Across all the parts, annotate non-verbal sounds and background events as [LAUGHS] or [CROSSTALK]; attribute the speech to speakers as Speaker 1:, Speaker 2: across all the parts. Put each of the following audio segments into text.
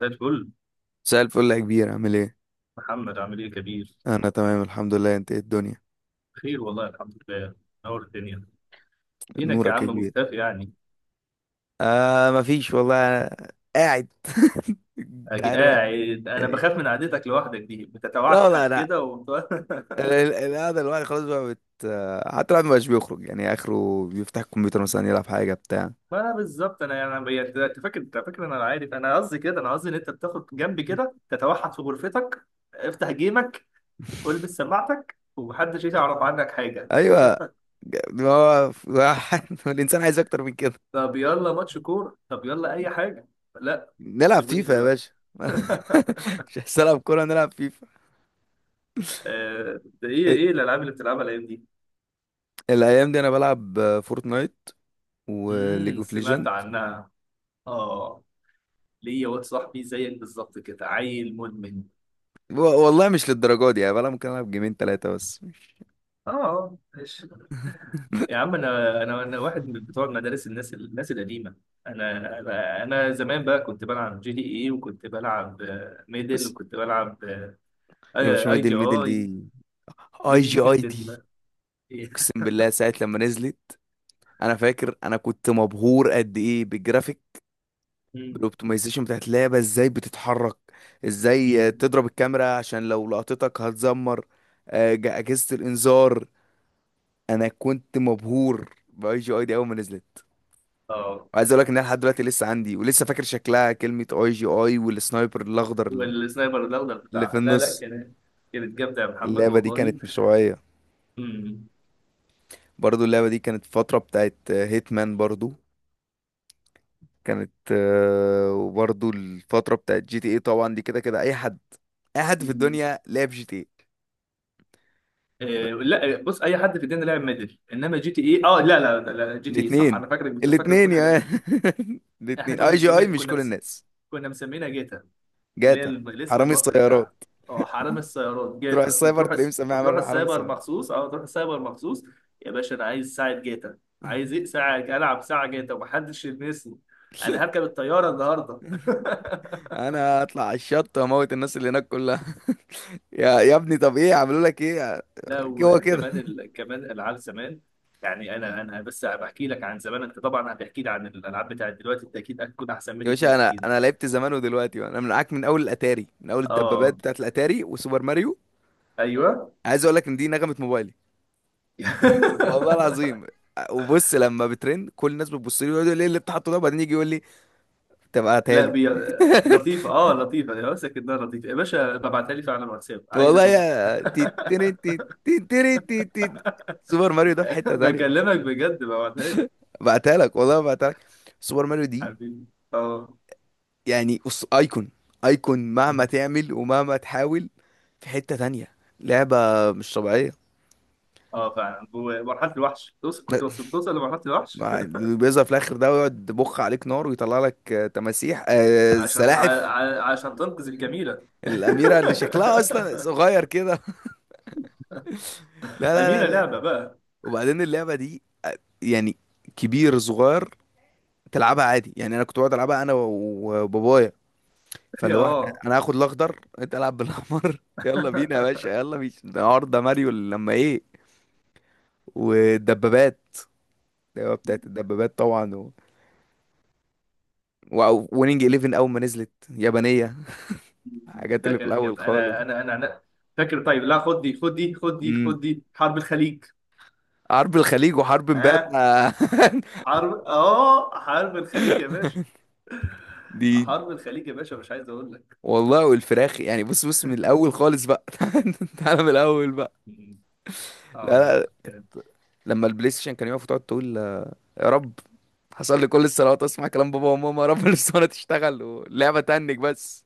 Speaker 1: زي الفل.
Speaker 2: مساء الفل يا كبير، عامل ايه؟
Speaker 1: محمد، عامل ايه يا كبير؟
Speaker 2: انا تمام الحمد لله. انت ايه الدنيا؟
Speaker 1: خير والله، الحمد لله. نور الدنيا. فينك يا
Speaker 2: نورك يا
Speaker 1: عم؟
Speaker 2: كبير.
Speaker 1: مختفي يعني.
Speaker 2: آه مفيش والله، أنا قاعد. [LAUGHS] انت
Speaker 1: أجي
Speaker 2: عارف
Speaker 1: قاعد، انا بخاف
Speaker 2: يعني.
Speaker 1: من قعدتك لوحدك دي،
Speaker 2: لا والله
Speaker 1: بتتوحد
Speaker 2: لا،
Speaker 1: كده [LAUGHS]
Speaker 2: القعدة الواحد خلاص بقى بت حتى الواحد مبقاش بيخرج، يعني اخره بيفتح الكمبيوتر مثلا يلعب حاجة بتاع.
Speaker 1: ما انا بالظبط، انا يعني انت فاكر انا عارف. انا قصدي ان انت بتاخد جنبي كده، تتوحد في غرفتك. افتح جيمك،
Speaker 2: [LAUGHS]
Speaker 1: والبس سماعتك، ومحدش يعرف عنك حاجه.
Speaker 2: ايوه، ما هو [LAUGHS] الانسان عايز اكتر من كده.
Speaker 1: طب يلا ماتش كوره، طب يلا اي حاجه. لا،
Speaker 2: نلعب
Speaker 1: سيبوني
Speaker 2: فيفا يا
Speaker 1: دلوقتي.
Speaker 2: باشا. [LAUGHS]
Speaker 1: [LAUGHS]
Speaker 2: مش عايز العب كورة، نلعب فيفا.
Speaker 1: ده ايه الالعاب اللي بتلعبها الايام دي؟
Speaker 2: الايام دي انا بلعب فورتنايت وليج اوف
Speaker 1: سمعت
Speaker 2: ليجند.
Speaker 1: عنها. اه، ليا واد صاحبي زيك بالظبط كده، عيل مدمن.
Speaker 2: و- والله مش للدرجه دي يعني، بلا ممكن العب جيمين ثلاثه بس مش.
Speaker 1: اه، ماشي. يا
Speaker 2: [LAUGHS]
Speaker 1: عم، انا واحد من بتوع مدارس الناس القديمه. انا زمان بقى كنت بلعب جي دي اي، وكنت بلعب ميدل،
Speaker 2: بس
Speaker 1: وكنت بلعب
Speaker 2: يا باشا،
Speaker 1: اي
Speaker 2: ميدل
Speaker 1: جي
Speaker 2: ميدل
Speaker 1: اي.
Speaker 2: دي، اي
Speaker 1: ميدل
Speaker 2: جي
Speaker 1: دي
Speaker 2: اي
Speaker 1: كانت
Speaker 2: دي،
Speaker 1: [LAUGHS]
Speaker 2: اقسم بالله ساعه لما نزلت انا فاكر انا كنت مبهور قد ايه بالجرافيك،
Speaker 1: أمم،
Speaker 2: بالاوبتمايزيشن بتاعت اللعبه، ازاي بتتحرك، ازاي
Speaker 1: أمم.
Speaker 2: تضرب الكاميرا عشان لو لقطتك هتزمر اجهزه الانذار. انا كنت مبهور باي جي اي دي اول ما نزلت،
Speaker 1: اه،
Speaker 2: وعايز اقول لك ان انا لحد دلوقتي لسه عندي ولسه فاكر شكلها، كلمه اي جي اي والسنايبر الاخضر
Speaker 1: والسنايبر الاخضر
Speaker 2: اللي في
Speaker 1: بتاعها، لا لا،
Speaker 2: النص.
Speaker 1: كانت جامده يا محمد
Speaker 2: اللعبة دي
Speaker 1: والله.
Speaker 2: كانت مش طبيعية. برضو اللعبة دي كانت فترة بتاعت هيتمان برضو، كانت وبرضو الفترة بتاعت جي تي ايه. طبعا دي كده كده اي حد، اي حد في
Speaker 1: أمم.
Speaker 2: الدنيا لعب جي تي ايه.
Speaker 1: لا، بص، اي حد في الدنيا لعب ميدل انما جي تي اي. اه لا لا لا، لا، جي تي اي صح.
Speaker 2: الاتنين،
Speaker 1: انا فاكرك فاكرك
Speaker 2: الاتنين
Speaker 1: بتقول
Speaker 2: يا
Speaker 1: حاجه ثانيه.
Speaker 2: مان. [LAUGHS]
Speaker 1: احنا
Speaker 2: الاتنين اي جي اي مش كل الناس.
Speaker 1: كنا مسمينها جيتا. اللي هي
Speaker 2: جاتا،
Speaker 1: الاسم
Speaker 2: حرامي
Speaker 1: المصري
Speaker 2: السيارات،
Speaker 1: بتاعها. اه، حرامي السيارات
Speaker 2: تروح
Speaker 1: جيتا،
Speaker 2: السايبر
Speaker 1: وتروح
Speaker 2: تلاقيه مسميها
Speaker 1: وتروح
Speaker 2: عمال حرامي
Speaker 1: السايبر
Speaker 2: السيارات.
Speaker 1: مخصوص، تروح السايبر مخصوص. يا باشا، انا عايز ساعه جيتا. عايز ايه؟ ساعه العب ساعه جيتا ومحدش يلمسني. انا
Speaker 2: [LAUGHS]
Speaker 1: هركب الطياره النهارده. [LAUGHS]
Speaker 2: انا هطلع على الشط واموت الناس اللي هناك كلها. [LAUGHS] يا ابني، طب ايه عملوا لك ايه؟
Speaker 1: لا،
Speaker 2: هو كده.
Speaker 1: وكمان كمان العاب زمان. يعني انا بس بحكي لك عن زمان. انت طبعا هتحكي لي عن الالعاب بتاعت دلوقتي، انت اكيد هتكون احسن
Speaker 2: يا
Speaker 1: مني فيها
Speaker 2: باشا انا
Speaker 1: بكتير.
Speaker 2: انا لعبت زمان ودلوقتي انا معاك من اول الاتاري، من اول الدبابات
Speaker 1: اه،
Speaker 2: بتاعت الاتاري وسوبر ماريو.
Speaker 1: ايوه.
Speaker 2: عايز اقول لك ان دي نغمه موبايلي، والله العظيم.
Speaker 1: [LAUGHS]
Speaker 2: وبص، لما بترن كل الناس بتبص لي ويقعدوا يقولوا لي ايه اللي انت حاطه ده، وبعدين يجي يقول لي طب هاتها
Speaker 1: لا،
Speaker 2: لي.
Speaker 1: لطيفه يا ماسك انها لطيفه، يا باشا ببعتها لي فعلا على الواتساب، عايز
Speaker 2: والله
Speaker 1: اشوفها.
Speaker 2: يا سوبر ماريو ده في
Speaker 1: [LAUGHS]
Speaker 2: حته ثانيه.
Speaker 1: بكلمك بجد، ببعتها لي.
Speaker 2: بعتها لك والله بعتها لك، سوبر ماريو دي
Speaker 1: حبيبي. اه.
Speaker 2: يعني ايكون، ايكون مهما تعمل ومهما تحاول في حته ثانيه، لعبه مش طبيعيه.
Speaker 1: اه فعلا، ومرحله الوحش توصل، كنت وصلت توصل لمرحله الوحش.
Speaker 2: ما- بيظهر في الاخر ده ويقعد بخ عليك نار ويطلع لك تماسيح،
Speaker 1: [LAUGHS] عشان ع...
Speaker 2: سلاحف،
Speaker 1: عشان تنقذ الجميله.
Speaker 2: الاميره اللي شكلها اصلا
Speaker 1: [LAUGHS]
Speaker 2: صغير كده. [LAUGHS] لا لا
Speaker 1: أميرة
Speaker 2: لا لا،
Speaker 1: لعبة بقى.
Speaker 2: وبعدين اللعبه دي يعني كبير صغير تلعبها عادي. يعني انا كنت بقعد العبها انا وبابايا،
Speaker 1: [LAUGHS]
Speaker 2: فاللي هو احنا
Speaker 1: اه،
Speaker 2: انا هاخد الاخضر انت العب بالاحمر. [LAUGHS] يلا بينا يا باشا، يلا بينا، ده النهارده ماريو لما ايه. والدبابات، اللعبة بتاعت الدبابات طبعا ونينج 11 اول ما نزلت يابانيه. [LAUGHS] الحاجات
Speaker 1: ده
Speaker 2: اللي في
Speaker 1: كانت
Speaker 2: الاول
Speaker 1: جامدة.
Speaker 2: خالص،
Speaker 1: فاكر؟ طيب لا، خد دي خد دي خد دي خد دي، حرب الخليج.
Speaker 2: حرب الخليج وحرب
Speaker 1: ها.
Speaker 2: امبابة. [LAUGHS]
Speaker 1: حرب الخليج يا باشا.
Speaker 2: دي
Speaker 1: حرب الخليج يا باشا، مش عايز اقول لك.
Speaker 2: والله، والفراخ يعني. بص بص من الاول خالص بقى. [LAUGHS] تعالى من الاول بقى.
Speaker 1: [LAUGHS] مم. اه
Speaker 2: لا لا،
Speaker 1: لا،
Speaker 2: لما البلاي ستيشن كان يقف وتقعد تقول يا رب، حصل لي كل الصلوات اسمع كلام بابا وماما يا رب. [LAUGHS] الاسطوانه تشتغل واللعبه تنك بس،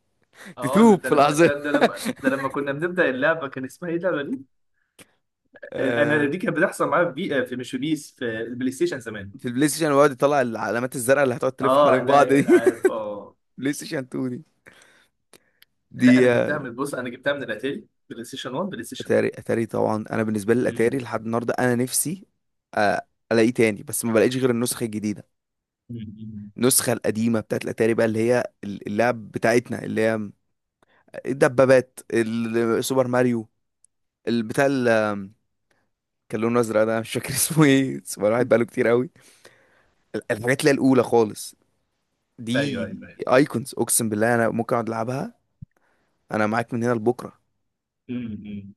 Speaker 1: اه لا،
Speaker 2: تتوب
Speaker 1: ده
Speaker 2: في
Speaker 1: لما
Speaker 2: لحظه.
Speaker 1: ده, ده لما ده لما كنا بنبدأ اللعبة كان اسمها ايه اللعبة دي؟ انا
Speaker 2: آه،
Speaker 1: دي كانت بتحصل معايا في، مش في بيس، في البلاي ستيشن زمان.
Speaker 2: في البلاي ستيشن ويقعد يطلع العلامات الزرقاء اللي هتقعد تلف
Speaker 1: اه،
Speaker 2: حوالين
Speaker 1: لا
Speaker 2: بعض دي.
Speaker 1: لا، اه.
Speaker 2: [LAUGHS] بلاي ستيشن 2 دي،
Speaker 1: لا، انا
Speaker 2: دي
Speaker 1: جبتها من، بص، انا جبتها من الاتاري بلاي ستيشن 1، بلاي ستيشن
Speaker 2: اتاري، اتاري طبعا. انا بالنسبه لي الاتاري
Speaker 1: 2.
Speaker 2: لحد النهارده انا نفسي الاقيه تاني بس ما بلاقيش غير النسخه الجديده.
Speaker 1: مم.
Speaker 2: النسخة القديمة بتاعت الأتاري بقى، اللي هي اللعب بتاعتنا، اللي هي الدبابات، سوبر ماريو، البتاع ال- كان لونه أزرق ده مش فاكر [LAUGHS] اسمه ايه، سوبر واحد بقاله كتير قوي، الحاجات اللي هي الأولى خالص. دي
Speaker 1: ايوه، ايوه، ايوه.
Speaker 2: ايكونز، اقسم بالله انا ممكن اقعد العبها، انا معاك من هنا لبكره.
Speaker 1: مم.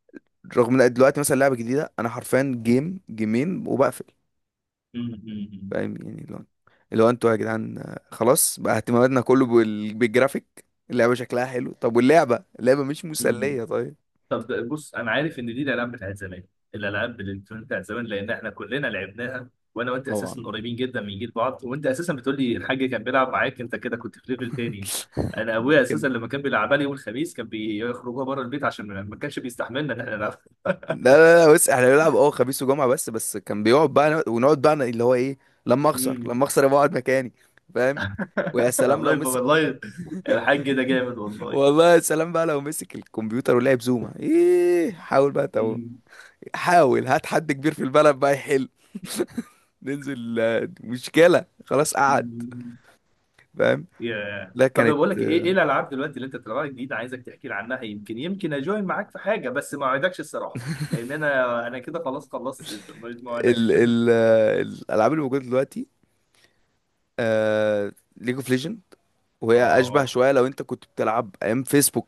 Speaker 2: رغم ان دلوقتي مثلا لعبه جديده انا حرفيا جيم جيمين وبقفل.
Speaker 1: مم. مم.
Speaker 2: فاهم يعني اللي هو، اللي هو انتوا يا جدعان، خلاص بقى اهتماماتنا كله بالجرافيك. اللعبه شكلها حلو، طب واللعبه، اللعبه مش
Speaker 1: مم.
Speaker 2: مسليه طيب.
Speaker 1: طب بص، انا عارف ان دي الالعاب بتاعت زمان، الالعاب الالكترونيه بتاعت زمان، لان احنا كلنا لعبناها. وانا وانت اساسا
Speaker 2: طبعا.
Speaker 1: قريبين جدا من جيل بعض، وانت اساسا بتقول لي الحاج كان بيلعب معاك، انت كده كنت في ليفل تاني. انا ابويا اساسا
Speaker 2: كان-
Speaker 1: لما كان بيلعبها لي يوم الخميس كان بيخرجوها بره البيت، عشان ما كانش بيستحملنا ان احنا نلعب.
Speaker 2: لا لا لا بص، احنا بنلعب اه خميس وجمعة بس، بس كان بيقعد بقى ونقعد بقى اللي هو ايه، لما اخسر،
Speaker 1: مم.
Speaker 2: لما اخسر يبقى اقعد مكاني. فاهم. ويا
Speaker 1: [LAUGHS]
Speaker 2: سلام
Speaker 1: الله،
Speaker 2: لو
Speaker 1: يبقى
Speaker 2: مسك.
Speaker 1: والله الحاج ده جامد والله.
Speaker 2: والله يا سلام بقى لو مسك الكمبيوتر ولعب زوما ايه، حاول بقى حاول هات حد كبير في البلد بقى يحل، ننزل مشكلة خلاص قعد.
Speaker 1: مم.
Speaker 2: فاهم.
Speaker 1: ياه.
Speaker 2: لا
Speaker 1: طب بقول
Speaker 2: كانت
Speaker 1: لك ايه الالعاب دلوقتي اللي انت بتلعبها جديد، عايزك تحكي لي عنها، يمكن يمكن اجوين معاك في حاجه، بس ما اوعدكش الصراحه. لان انا كده خلاص خلصت، ما
Speaker 2: ال
Speaker 1: اوعدكش.
Speaker 2: ال آه، الالعاب اللي موجودة دلوقتي ليج اوف ليجند،
Speaker 1: [LAUGHS]
Speaker 2: وهي اشبه
Speaker 1: اه.
Speaker 2: شويه لو انت كنت بتلعب ايام فيسبوك،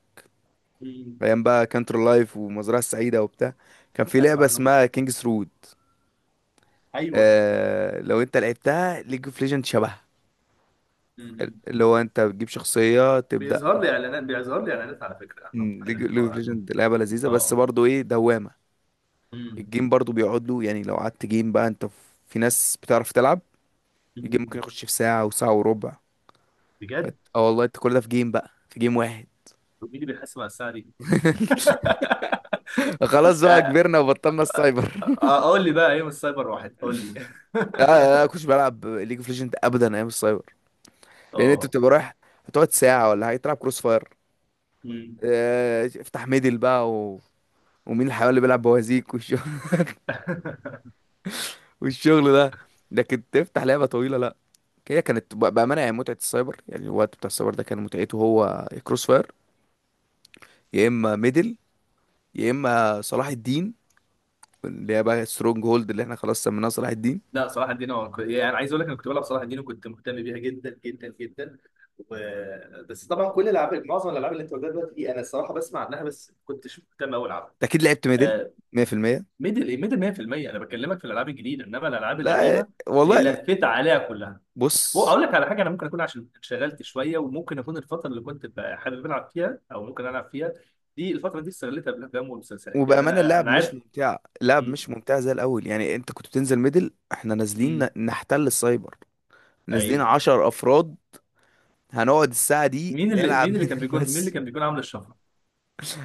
Speaker 1: مم.
Speaker 2: ايام بقى كانتر لايف ومزرعه السعيده وبتاع. كان في
Speaker 1: اسمع
Speaker 2: لعبه
Speaker 1: عنهم.
Speaker 2: اسمها كينجز رود،
Speaker 1: ايوه.
Speaker 2: آه لو انت لعبتها ليج اوف ليجند شبهها،
Speaker 1: مم.
Speaker 2: اللي هو انت بتجيب شخصيه تبدا.
Speaker 1: بيظهر لي اعلانات على فكره عنهم،
Speaker 2: مم،
Speaker 1: عن
Speaker 2: ليج ليج
Speaker 1: الحوار
Speaker 2: اوف
Speaker 1: عنهم.
Speaker 2: ليجند لعبه لذيذه، بس
Speaker 1: اه.
Speaker 2: برضو ايه دوامه.
Speaker 1: مم.
Speaker 2: الجيم برضو بيقعد له يعني، لو قعدت جيم بقى انت في ناس بتعرف تلعب، الجيم ممكن
Speaker 1: مم.
Speaker 2: يخش في ساعه وساعه وربع.
Speaker 1: بجد؟
Speaker 2: اه والله انت كل ده في جيم بقى، في جيم واحد.
Speaker 1: طب مين اللي بيحاسب على الساعه دي؟
Speaker 2: [LAUGHS] خلاص بقى كبرنا
Speaker 1: [LAUGHS]
Speaker 2: وبطلنا السايبر.
Speaker 1: اقول لي بقى ايه من السايبر واحد، قول لي.
Speaker 2: لا لا لا، كنتش بلعب ليج اوف ليجند ابدا ايام السايبر،
Speaker 1: [LAUGHS]
Speaker 2: لان انت
Speaker 1: اه.
Speaker 2: بتبقى رايح هتقعد ساعه ولا حاجه تلعب كروس فاير،
Speaker 1: مم.
Speaker 2: افتح ميدل بقى ومين الحيوان اللي بيلعب بوازيك والشغل،
Speaker 1: [LAUGHS]
Speaker 2: [LAUGHS] والشغل ده. لكن تفتح لعبه طويله لا. هي كانت بامانه يعني، متعه السايبر يعني، الوقت بتاع السايبر ده كان متعته هو كروس فاير، يا اما ميدل، يا اما صلاح الدين اللي هي بقى سترونج هولد اللي احنا خلاص سميناها صلاح الدين.
Speaker 1: لا، صلاح الدين هو يعني عايز اقول لك انا كنت بلعب صلاح الدين، وكنت مهتم بيها جدا جدا جدا و... بس طبعا كل الالعاب معظم الالعاب اللي انت قلتها دلوقتي دي، انا الصراحه بسمع عنها بس ما كنتش مهتم قوي العبها.
Speaker 2: أنت اكيد لعبت ميدل
Speaker 1: آه،
Speaker 2: 100%.
Speaker 1: ميدل 100%. انا بكلمك في الالعاب الجديده، انما الالعاب القديمه
Speaker 2: لا والله
Speaker 1: لفيت عليها كلها.
Speaker 2: بص،
Speaker 1: اقول لك على حاجه، انا ممكن اكون عشان انشغلت شويه، وممكن اكون الفتره اللي كنت حابب العب فيها او ممكن العب فيها، دي الفتره دي استغلتها بالافلام والمسلسلات، يعني
Speaker 2: وبأمانة
Speaker 1: انا
Speaker 2: اللعب
Speaker 1: انا
Speaker 2: مش
Speaker 1: عارف.
Speaker 2: ممتع، اللعب
Speaker 1: م-
Speaker 2: مش ممتع زي الأول. يعني أنت كنت بتنزل ميدل إحنا نازلين
Speaker 1: م-
Speaker 2: نحتل السايبر، نازلين
Speaker 1: ايوه.
Speaker 2: عشر أفراد هنقعد الساعة دي نلعب [LAUGHS] ميدل
Speaker 1: مين اللي
Speaker 2: بس.
Speaker 1: كان بيكون عامل الشفره؟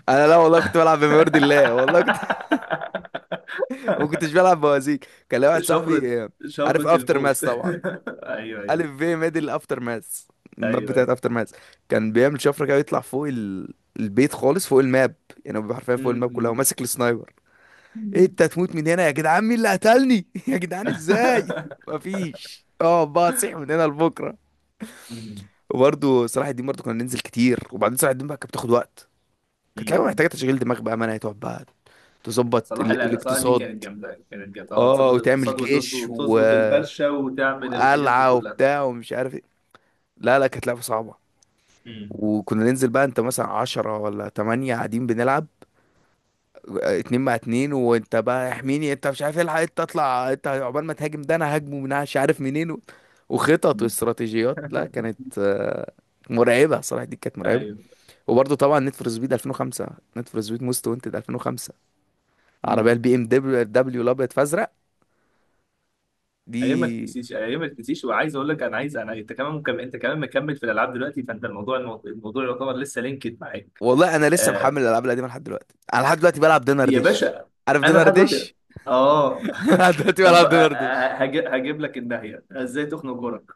Speaker 2: أنا لا والله كنت بلعب بما يرضي الله، والله كنت
Speaker 1: [LAUGHS]
Speaker 2: [LAUGHS] ما كنتش بلعب بوازيك. كان لي واحد
Speaker 1: شفرة
Speaker 2: صاحبي
Speaker 1: شفرة
Speaker 2: عارف أفتر ماس
Speaker 1: الموت. [LAUGHS]
Speaker 2: طبعا،
Speaker 1: ايوه، ايوه،
Speaker 2: ألف في ميدل أفتر ماس، الماب
Speaker 1: ايوه،
Speaker 2: بتاعت
Speaker 1: ايوه.
Speaker 2: أفتر ماس، كان بيعمل شفرة كده يطلع فوق البيت خالص فوق الماب. يعني هو بيبقى حرفيا فوق الماب كلها
Speaker 1: م-
Speaker 2: وماسك السنايبر. إيه،
Speaker 1: م.
Speaker 2: انت هتموت من هنا يا جدعان، مين اللي قتلني [LAUGHS] يا جدعان ازاي،
Speaker 1: [LAUGHS]
Speaker 2: مفيش اه بقى تصيح من هنا لبكره.
Speaker 1: م-
Speaker 2: وبرده صلاح الدين برضه كنا ننزل كتير، وبعدين صلاح الدين بقى كانت بتاخد وقت، كانت لعبه محتاجه
Speaker 1: م.
Speaker 2: تشغيل دماغ بقى، ما هتقعد بقى تظبط
Speaker 1: صلاح، لا لا، صلاح دي
Speaker 2: الاقتصاد،
Speaker 1: كانت جامدة، كانت جامدة. اه،
Speaker 2: اه
Speaker 1: تظبط
Speaker 2: وتعمل
Speaker 1: الاقتصاد، وتظبط
Speaker 2: جيش
Speaker 1: وتظبط الفرشة، وتعمل الحاجات دي
Speaker 2: وقلعه
Speaker 1: كلها.
Speaker 2: وبتاع ومش عارف ايه. لا لا كانت لعبه صعبه،
Speaker 1: م-
Speaker 2: وكنا ننزل بقى انت مثلا عشرة ولا تمانية قاعدين بنلعب اتنين مع اتنين، وانت بقى احميني، انت مش عارف الحق انت اطلع، انت عقبال ما تهاجم ده انا هاجمه من مش عارف منين وخطط
Speaker 1: م.
Speaker 2: واستراتيجيات، لا
Speaker 1: [LAUGHS]
Speaker 2: كانت مرعبة صراحة دي، كانت مرعبة.
Speaker 1: ايوه.
Speaker 2: وبرضه طبعا نيد فور سبيد 2005، نيد فور سبيد موست وانتد 2005، عربية
Speaker 1: مم.
Speaker 2: البي ام دبليو الابيض فازرق
Speaker 1: ايام ما
Speaker 2: دي.
Speaker 1: تنسيش، ايام ما تنسيش. وعايز اقول لك، انا عايز انا انت كمان مكمل، انت كمان مكمل في الالعاب دلوقتي. فانت الموضوع يعتبر لسه لينكد معاك.
Speaker 2: والله انا لسه
Speaker 1: آه،
Speaker 2: محمل الالعاب القديمة لحد دلوقتي، انا لحد دلوقتي بلعب دينر
Speaker 1: يا
Speaker 2: ديش.
Speaker 1: باشا،
Speaker 2: عارف
Speaker 1: انا
Speaker 2: دينر
Speaker 1: لحد دلوقتي.
Speaker 2: ديش؟
Speaker 1: اه.
Speaker 2: [LAUGHS] لحد
Speaker 1: [LAUGHS]
Speaker 2: دلوقتي
Speaker 1: طب
Speaker 2: بلعب دينر ديش.
Speaker 1: هجيب لك الناحية ازاي تخنق جارك.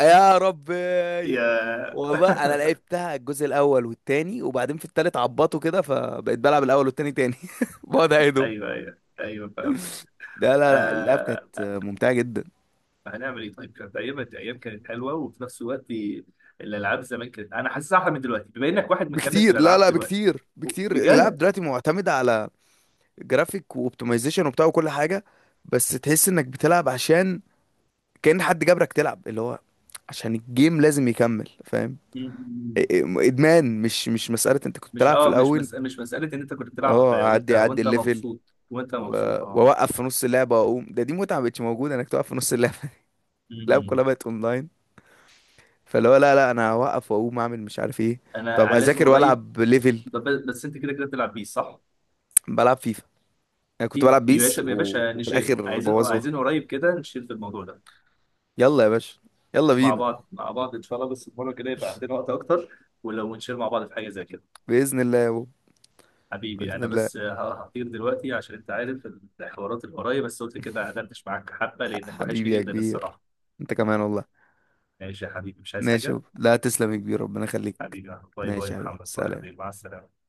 Speaker 2: يا ربي،
Speaker 1: يا.
Speaker 2: والله
Speaker 1: [LAUGHS]
Speaker 2: انا لعبتها الجزء الاول والتاني، وبعدين في التالت عبطوا كده فبقيت بلعب الاول والتاني تاني. [LAUGHS] بقعد اعيدهم.
Speaker 1: ايوه، ايوه، ايوه، فاهمك.
Speaker 2: لا لا لا اللعب كانت
Speaker 1: آه...
Speaker 2: ممتعة جدا،
Speaker 1: هنعمل ايه طيب. كانت ايام الايام كانت حلوه، وفي نفس الوقت الالعاب زمان، كانت انا حاسسها احلى من دلوقتي، بما انك واحد مكمل في
Speaker 2: بكتير. لا
Speaker 1: الالعاب
Speaker 2: لا
Speaker 1: دلوقتي.
Speaker 2: بكتير بكتير، اللعب
Speaker 1: بجد.
Speaker 2: دلوقتي معتمد على جرافيك واوبتمايزيشن وبتاع وكل حاجة، بس تحس انك بتلعب عشان كأن حد جبرك تلعب، اللي هو عشان الجيم لازم يكمل. فاهم، إ- إ-
Speaker 1: م-
Speaker 2: ادمان، مش مسألة انت كنت
Speaker 1: مش
Speaker 2: بتلعب في
Speaker 1: اه مش
Speaker 2: الاول
Speaker 1: مس... مش مساله ان انت كنت بتلعب،
Speaker 2: اه،
Speaker 1: وانت
Speaker 2: اعدي
Speaker 1: وانت
Speaker 2: الليفل
Speaker 1: مبسوط، وانت مبسوط، اه.
Speaker 2: واوقف في نص اللعبه واقوم ده، دي متعه مبقتش موجوده انك توقف في نص اللعبه.
Speaker 1: م-
Speaker 2: [LAUGHS] اللعبه كلها
Speaker 1: م.
Speaker 2: بقت اونلاين، فاللي هو لا لا انا هوقف واقوم اعمل مش عارف ايه. طب
Speaker 1: انا لازم
Speaker 2: هذاكر
Speaker 1: قريب.
Speaker 2: والعب ليفل.
Speaker 1: طب بس انت كده كده بتلعب بيه، صح؟
Speaker 2: بلعب فيفا، انا كنت
Speaker 1: في،
Speaker 2: بلعب
Speaker 1: يا باشا
Speaker 2: بيس
Speaker 1: يا باشا،
Speaker 2: وفي
Speaker 1: نشيل.
Speaker 2: الاخر
Speaker 1: عايزين،
Speaker 2: بوظوها.
Speaker 1: عايزين قريب كده، نشيل في الموضوع ده.
Speaker 2: يلا يا باشا، يلا
Speaker 1: مع
Speaker 2: بينا.
Speaker 1: بعض، مع بعض ان شاء الله، بس المره كده يبقى عندنا وقت اكتر. ولو نشيل مع بعض في حاجه زي كده.
Speaker 2: باذن الله يا بابا.
Speaker 1: حبيبي،
Speaker 2: باذن
Speaker 1: انا
Speaker 2: الله.
Speaker 1: بس هطير دلوقتي عشان انت عارف، الحوارات اللي ورايا، بس قلت كده قعدتش معاك حبه لانك وحشني
Speaker 2: حبيبي يا
Speaker 1: جدا
Speaker 2: كبير،
Speaker 1: الصراحه.
Speaker 2: انت كمان والله.
Speaker 1: ماشي يا حبيبي، مش عايز
Speaker 2: ماشي يا
Speaker 1: حاجه.
Speaker 2: بابا. لا تسلم يا كبير، ربنا يخليك.
Speaker 1: حبيبي. باي باي
Speaker 2: ماشي
Speaker 1: يا
Speaker 2: يا حبيبي،
Speaker 1: محمد، باي يا
Speaker 2: سلام.
Speaker 1: حبيبي، مع السلامه.